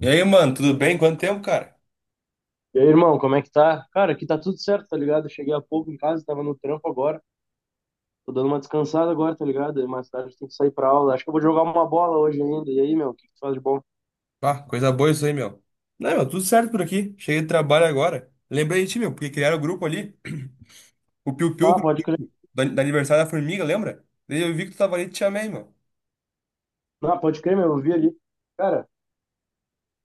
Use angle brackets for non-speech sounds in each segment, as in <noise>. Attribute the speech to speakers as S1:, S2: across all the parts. S1: E aí, mano, tudo bem? Quanto tempo, cara?
S2: E aí, irmão, como é que tá? Cara, aqui tá tudo certo, tá ligado? Eu cheguei há pouco em casa, tava no trampo agora. Tô dando uma descansada agora, tá ligado? Mais tarde tem que sair pra aula. Acho que eu vou jogar uma bola hoje ainda. E aí, meu, o que que tu faz de bom?
S1: Ah, coisa boa isso aí, meu. Não, meu, tudo certo por aqui. Cheguei do trabalho agora. Lembrei de ti, meu, porque criaram o grupo ali, o Piu Piu,
S2: Ah, pode crer.
S1: do aniversário da formiga, lembra? Daí eu vi que tu tava ali e te chamei, meu.
S2: Ah, pode crer, meu, eu vi ali. Cara,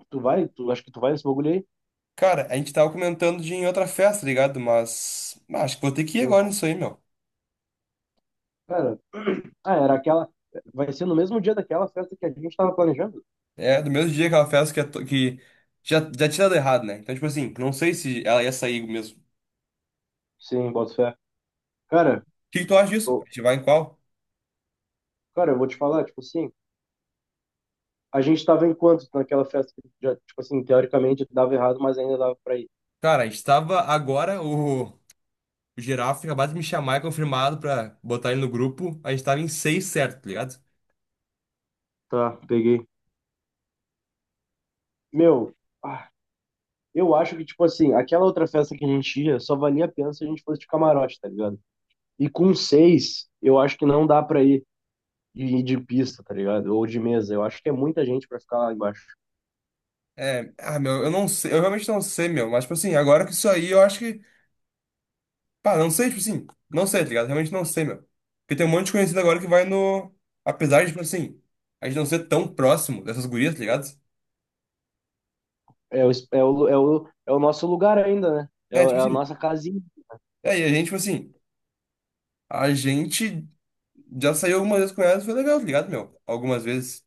S2: tu vai? Tu, acho que tu vai nesse bagulho aí?
S1: Cara, a gente tava comentando de ir em outra festa, tá ligado? Mas, ah, acho que vou ter que ir
S2: Sim.
S1: agora nisso aí, meu.
S2: Cara, <clears throat> ah, era aquela. Vai ser no mesmo dia daquela festa que a gente tava planejando?
S1: É, do mesmo dia aquela festa que, que já tinha dado errado, né? Então, tipo assim, não sei se ela ia sair mesmo.
S2: Sim, boto fé. Cara,
S1: O que que tu acha disso? A
S2: eu-
S1: gente vai em qual?
S2: cara, eu vou te falar, tipo assim, a gente tava em quanto naquela festa que já, tipo assim, teoricamente dava errado, mas ainda dava pra ir.
S1: Cara, a gente tava agora, o. O Girafa tinha acabado de me chamar e confirmado pra botar ele no grupo. A gente tava em seis certo, tá ligado?
S2: Tá, peguei. Meu, ah, eu acho que, tipo assim, aquela outra festa que a gente ia só valia a pena se a gente fosse de camarote, tá ligado? E com seis, eu acho que não dá pra ir de pista, tá ligado? Ou de mesa. Eu acho que é muita gente pra ficar lá embaixo.
S1: É, ah, meu, eu não sei, eu realmente não sei, meu. Mas, tipo assim, agora que isso aí, eu acho que. Pá, não sei, tipo assim, não sei, tá ligado? Realmente não sei, meu. Porque tem um monte de conhecido agora que vai no. Apesar de, tipo assim, a gente não ser tão próximo dessas gurias, tá ligado?
S2: É o, es- é o, é o, é o nosso lugar ainda, né? É,
S1: É, tipo
S2: é a
S1: assim.
S2: nossa casinha.
S1: É, e a gente, tipo assim, a gente já saiu algumas vezes com elas, foi legal, tá ligado, meu? Algumas vezes.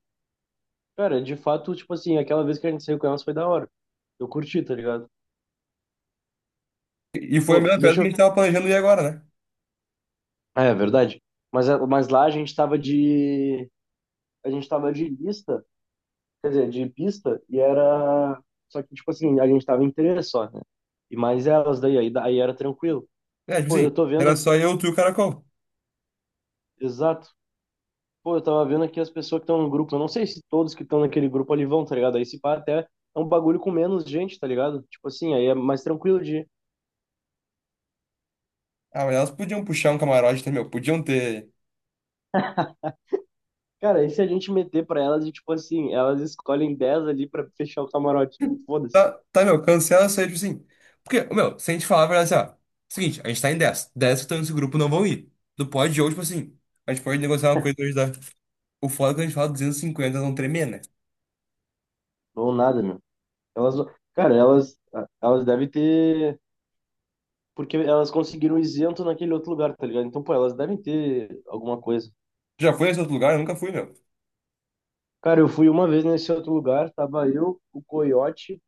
S2: Cara, de fato, tipo assim, aquela vez que a gente saiu com elas foi da hora. Eu curti, tá ligado?
S1: E foi a
S2: Pô,
S1: mesma festa
S2: deixa
S1: que
S2: eu.
S1: a gente tava planejando ir agora, né?
S2: É, é verdade. Mas, mas lá a gente tava de. A gente tava de lista. Quer dizer, de pista, e era. Só que, tipo assim, a gente tava em três só, né? E mais elas daí, aí era tranquilo.
S1: É, tipo
S2: Pô,
S1: assim,
S2: eu tô vendo
S1: era
S2: aqui,
S1: só eu, tu e o Caracol.
S2: exato. Pô, eu tava vendo aqui as pessoas que estão no grupo. Eu não sei se todos que estão naquele grupo ali vão, tá ligado? Aí se pá até é um bagulho com menos gente, tá ligado? Tipo assim, aí é mais tranquilo de ir.
S1: Ah, mas elas podiam puxar um camarote, tá, meu? Podiam ter.
S2: Cara, e se a gente meter pra elas e, tipo assim, elas escolhem 10 ali pra fechar o camarote? Foda-se.
S1: Tá, tá, meu, cancela isso aí, tipo assim. Porque, meu, se a gente falar a verdade assim, ó. Seguinte, a gente tá em 10. 10 que estão nesse grupo não vão ir. Do pod de hoje, tipo assim. A gente pode negociar uma coisa hoje da. O foda é que a gente fala 250 não tremer, né?
S2: Ou nada, meu. Elas, cara, elas devem ter porque elas conseguiram isento naquele outro lugar, tá ligado? Então, pô, elas devem ter alguma coisa.
S1: Já foi nesse outro lugar? Eu nunca fui, meu.
S2: Cara, eu fui uma vez nesse outro lugar, tava eu, o Coiote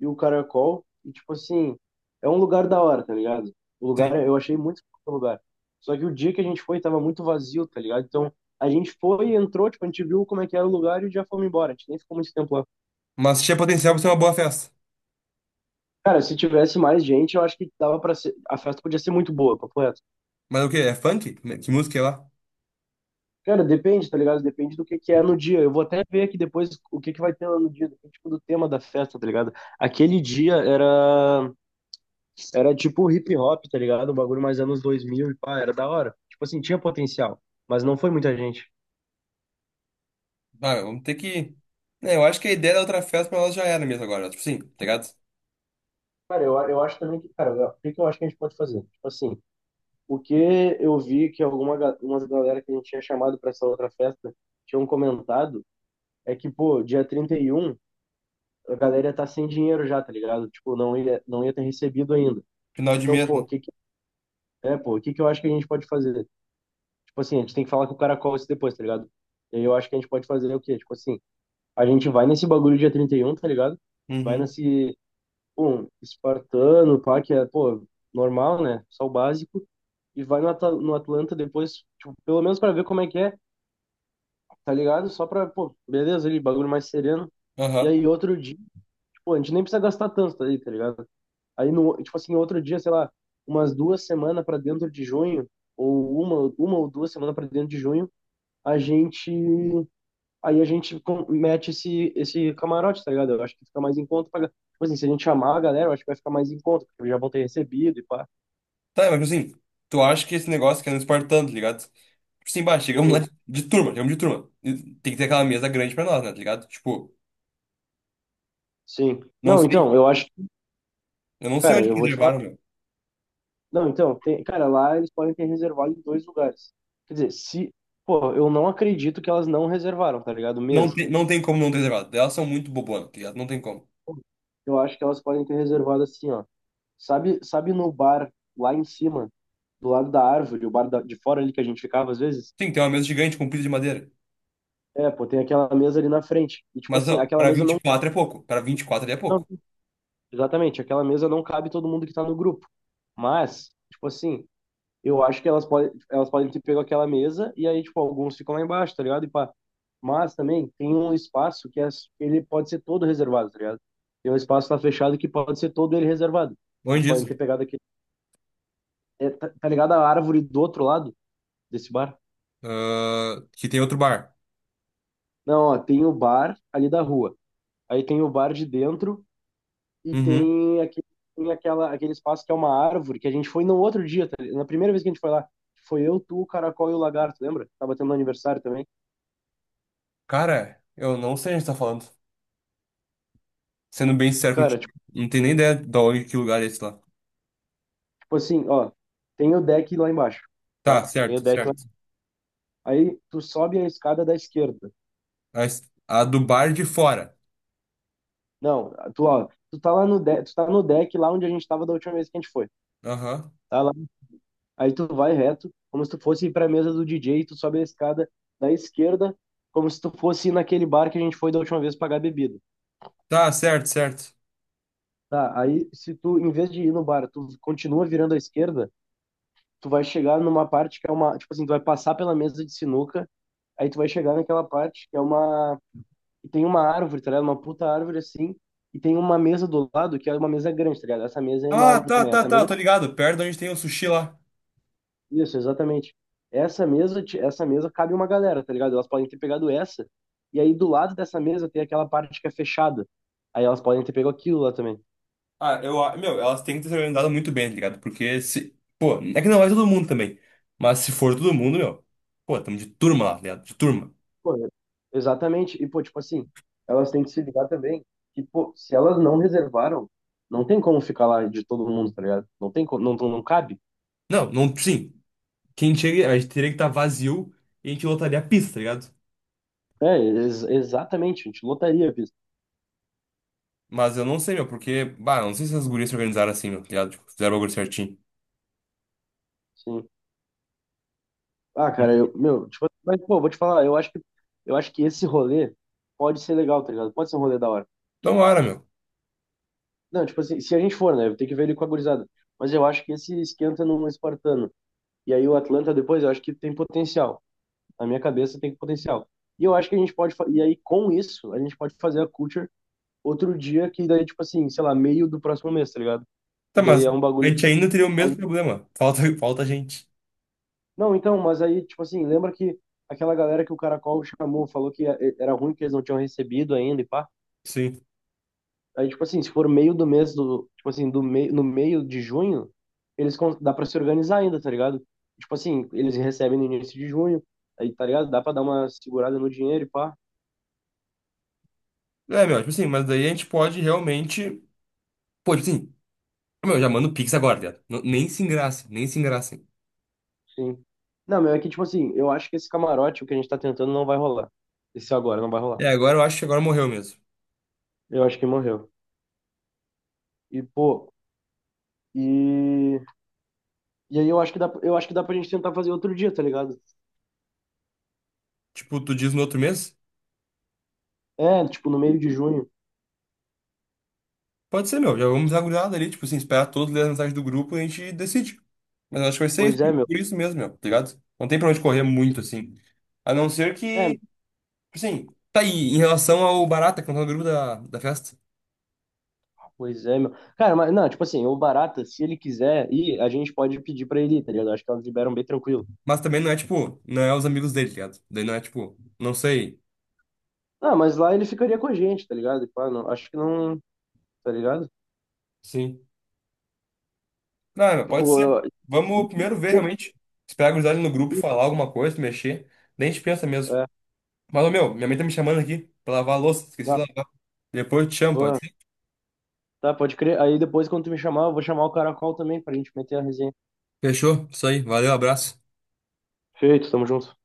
S2: e o Caracol, e tipo assim, é um lugar da hora, tá ligado? O lugar,
S1: Sim.
S2: eu achei muito foda o lugar. Só que o dia que a gente foi tava muito vazio, tá ligado? Então, a gente foi e entrou, tipo, a gente viu como é que era o lugar e já fomos embora. A gente nem ficou muito tempo lá.
S1: Mas tinha potencial pra ser uma boa festa.
S2: Cara, se tivesse mais gente, eu acho que dava pra ser, a festa podia ser muito boa, papo reto.
S1: Mas o quê? É funk? Que música é lá?
S2: Cara, depende, tá ligado? Depende do que é no dia. Eu vou até ver aqui depois o que que vai ter lá no dia, depende, tipo do tema da festa, tá ligado? Aquele dia era era tipo hip hop, tá ligado? Um bagulho mais anos 2000 e pá, era da hora. Tipo assim, tinha potencial, mas não foi muita gente.
S1: Ah, meu, vamos ter que. É, eu acho que a ideia da outra festa pra nós já era mesmo agora. Tipo assim, tá ligado?
S2: Cara, eu acho também que, cara, o que que eu acho que a gente pode fazer? Tipo assim, o que eu vi que umas galera que a gente tinha chamado pra essa outra festa tinham comentado é que, pô, dia 31 a galera ia tá sem dinheiro já, tá ligado? Tipo, não ia ter recebido ainda.
S1: Final de
S2: Então,
S1: mês,
S2: pô, o
S1: né?
S2: que que, é, pô, o que que eu acho que a gente pode fazer? Tipo assim, a gente tem que falar com o caracol isso depois, tá ligado? E aí eu acho que a gente pode fazer o quê? Tipo assim, a gente vai nesse bagulho dia 31 tá ligado? Vai
S1: Uhum.
S2: nesse, um, espartano, pá, que é, pô, normal, né? Só o básico. E vai no, no Atlanta depois, tipo, pelo menos pra ver como é que é, tá ligado? Só pra, pô, beleza, ali, bagulho mais sereno. E
S1: Aham.
S2: aí outro dia, tipo, a gente nem precisa gastar tanto, tá aí, tá ligado? Aí, no, tipo assim, outro dia, sei lá, umas 2 semanas para dentro de junho, ou uma ou 2 semanas para dentro de junho, a gente. Aí a gente mete esse, esse camarote, tá ligado? Eu acho que fica mais em conta. Pra, tipo assim, se a gente chamar a galera, eu acho que vai ficar mais em conta, porque já vão ter recebido e pá.
S1: Tá, mas tipo assim, tu acha que esse negócio que é no Espartano, tá ligado? Tipo assim, bah, chegamos lá de,
S2: Sim,
S1: de turma, chegamos de turma. E tem que ter aquela mesa grande pra nós, né, tá ligado? Tipo,
S2: sim.
S1: não
S2: Não,
S1: sei,
S2: então, eu acho.
S1: eu não sei
S2: Cara,
S1: onde
S2: eu
S1: que
S2: vou te falar.
S1: reservaram, meu.
S2: Não, então, tem, cara, lá eles podem ter reservado em dois lugares. Quer dizer, se. Pô, eu não acredito que elas não reservaram, tá ligado?
S1: Não
S2: Mesa.
S1: tem, não tem como não ter reservado. Elas são muito bobonas, tá ligado? Não tem como.
S2: Eu acho que elas podem ter reservado assim, ó. Sabe, sabe no bar lá em cima, do lado da árvore, o bar de fora ali que a gente ficava às vezes?
S1: Sim, tem uma mesa gigante com pilha de madeira.
S2: É, pô, tem aquela mesa ali na frente. E tipo
S1: Mas,
S2: assim,
S1: ó,
S2: aquela
S1: pra
S2: mesa
S1: vinte e
S2: não,
S1: quatro é pouco. Pra 24 ali é
S2: não,
S1: pouco.
S2: exatamente, aquela mesa não cabe todo mundo que tá no grupo. Mas, tipo assim, eu acho que elas podem ter pego aquela mesa e aí, tipo, alguns ficam lá embaixo, tá ligado? E pá. Mas também tem um espaço que é, ele pode ser todo reservado, tá ligado? Tem um espaço lá fechado que pode ser todo ele reservado.
S1: Longe
S2: Elas podem
S1: disso.
S2: ter pegado aquele é, tá ligado a árvore do outro lado desse bar?
S1: Ah, que tem outro bar.
S2: Não, ó, tem o bar ali da rua. Aí tem o bar de dentro e
S1: Uhum.
S2: tem aquele, tem aquela, aquele espaço que é uma árvore que a gente foi no outro dia, na primeira vez que a gente foi lá. Foi eu, tu, o Caracol e o Lagarto, lembra? Tava tendo aniversário também.
S1: Cara, eu não sei onde tá falando. Sendo bem sincero
S2: Cara,
S1: contigo.
S2: tipo,
S1: Não tenho nem ideia de onde, que lugar é esse lá.
S2: tipo assim, ó, tem o deck lá embaixo,
S1: Tá,
S2: tá? Tem o
S1: certo,
S2: deck lá.
S1: certo.
S2: Aí tu sobe a escada da esquerda.
S1: A, a do bar de fora.
S2: Não, tu, ó, tu tá lá no deck, tu tá no deck lá onde a gente tava da última vez que a gente foi.
S1: Aham.
S2: Tá lá. Aí tu vai reto, como se tu fosse ir pra mesa do DJ, e tu sobe a escada da esquerda, como se tu fosse ir naquele bar que a gente foi da última vez pagar bebida.
S1: Tá, certo, certo.
S2: Tá, aí se tu, em vez de ir no bar, tu continua virando à esquerda, tu vai chegar numa parte que é uma, tipo assim, tu vai passar pela mesa de sinuca, aí tu vai chegar naquela parte que é uma, que tem uma árvore, tá ligado? Uma puta árvore assim, e tem uma mesa do lado que é uma mesa grande, tá ligado? Essa mesa é
S1: Ah,
S2: enorme
S1: tá,
S2: também,
S1: tá,
S2: essa
S1: tá,
S2: mesa.
S1: tô ligado. Perto de onde tem o sushi lá.
S2: Isso, exatamente. Essa mesa cabe uma galera, tá ligado? Elas podem ter pegado essa, e aí do lado dessa mesa tem aquela parte que é fechada. Aí elas podem ter pego aquilo lá também.
S1: Ah, eu, meu, elas têm que ter se organizado muito bem, tá ligado? Porque se. Pô, é que não é todo mundo também. Mas se for todo mundo, meu. Pô, tamo de turma lá, tá ligado? De turma.
S2: Pô, exatamente. E, pô, tipo assim, elas têm que se ligar também que, pô, se elas não reservaram, não tem como ficar lá de todo mundo, tá ligado? Não tem como, não, não cabe.
S1: Não, não, sim. Quem chega, a gente teria que estar vazio e a gente lotaria a pista, tá ligado?
S2: É, exatamente, a gente lotaria a.
S1: Mas eu não sei, meu, porque. Bah, não sei se as gurias se organizaram assim, meu, tá ligado? Tipo, fizeram o bagulho certinho.
S2: Sim. Ah, cara, eu, meu, tipo, mas, pô, vou te falar, eu acho que esse rolê pode ser legal, tá ligado? Pode ser um rolê da hora.
S1: Tomara, meu.
S2: Não, tipo assim, se a gente for, né? Eu tenho que ver ele com a gurizada. Mas eu acho que esse esquenta no espartano. E aí o Atlanta depois, eu acho que tem potencial. Na minha cabeça tem potencial. E eu acho que a gente pode. Fa- E aí com isso, a gente pode fazer a culture outro dia, que daí, tipo assim, sei lá, meio do próximo mês, tá ligado? Que
S1: Tá,
S2: daí
S1: mas
S2: é um
S1: a
S2: bagulho.
S1: gente ainda teria o
S2: Mas-
S1: mesmo problema. Falta, <laughs> falta gente.
S2: Não, então, mas aí, tipo assim, lembra que aquela galera que o Caracol chamou, falou que era ruim, que eles não tinham recebido ainda e pá.
S1: Sim.
S2: Aí, tipo assim, se for meio do mês tipo assim, do meio, no meio de junho, eles dá pra se organizar ainda, tá ligado? Tipo assim, eles recebem no início de junho, aí, tá ligado? Dá pra dar uma segurada no dinheiro e pá,
S1: É, meu, tipo assim, mas daí a gente pode realmente. Pô, tipo assim, meu, já manda o Pix agora, viado. Nem se engraça, nem se engraçem.
S2: sim. Não, meu, é que, tipo assim, eu acho que esse camarote, o que a gente tá tentando, não vai rolar. Esse agora não vai rolar.
S1: É, agora eu acho que agora morreu mesmo.
S2: Eu acho que morreu. E, pô, e... E aí eu acho que dá, eu acho que dá pra gente tentar fazer outro dia, tá ligado?
S1: Tipo, tu diz no outro mês?
S2: É, tipo, no meio de junho.
S1: Pode ser, meu. Já vamos dar uma olhada ali, tipo assim, esperar todos lerem a mensagem do grupo e a gente decide. Mas eu acho que vai ser isso,
S2: Pois é, meu.
S1: por isso mesmo, meu, tá ligado? Não tem pra onde correr muito, assim. A não ser
S2: É,
S1: que, tipo assim, tá aí, em relação ao Barata, que não tá no grupo da festa.
S2: Pois é, meu. Cara, mas não, tipo assim, o Barata, se ele quiser ir, a gente pode pedir pra ele ir, tá ligado? Acho que elas liberam bem tranquilo.
S1: Mas também não é, tipo, não é os amigos dele, tá ligado? Daí não é, tipo, não sei.
S2: Ah, mas lá ele ficaria com a gente, tá ligado? Tipo, ah, não, acho que não, tá ligado?
S1: Sim. Não, pode
S2: Tipo,
S1: ser. Vamos primeiro ver
S2: se-
S1: realmente. Esperar a gurizada ali no grupo falar alguma coisa, mexer. Daí a gente pensa mesmo.
S2: é,
S1: Mas, ô, meu, minha mãe tá me chamando aqui pra lavar a louça. Esqueci de
S2: ah,
S1: lavar. Depois eu te chamo, pode
S2: porra,
S1: ser?
S2: tá, pode crer. Aí depois, quando tu me chamar, eu vou chamar o Caracol também pra gente meter a resenha.
S1: Fechou. Isso aí. Valeu, abraço.
S2: Feito, tamo junto.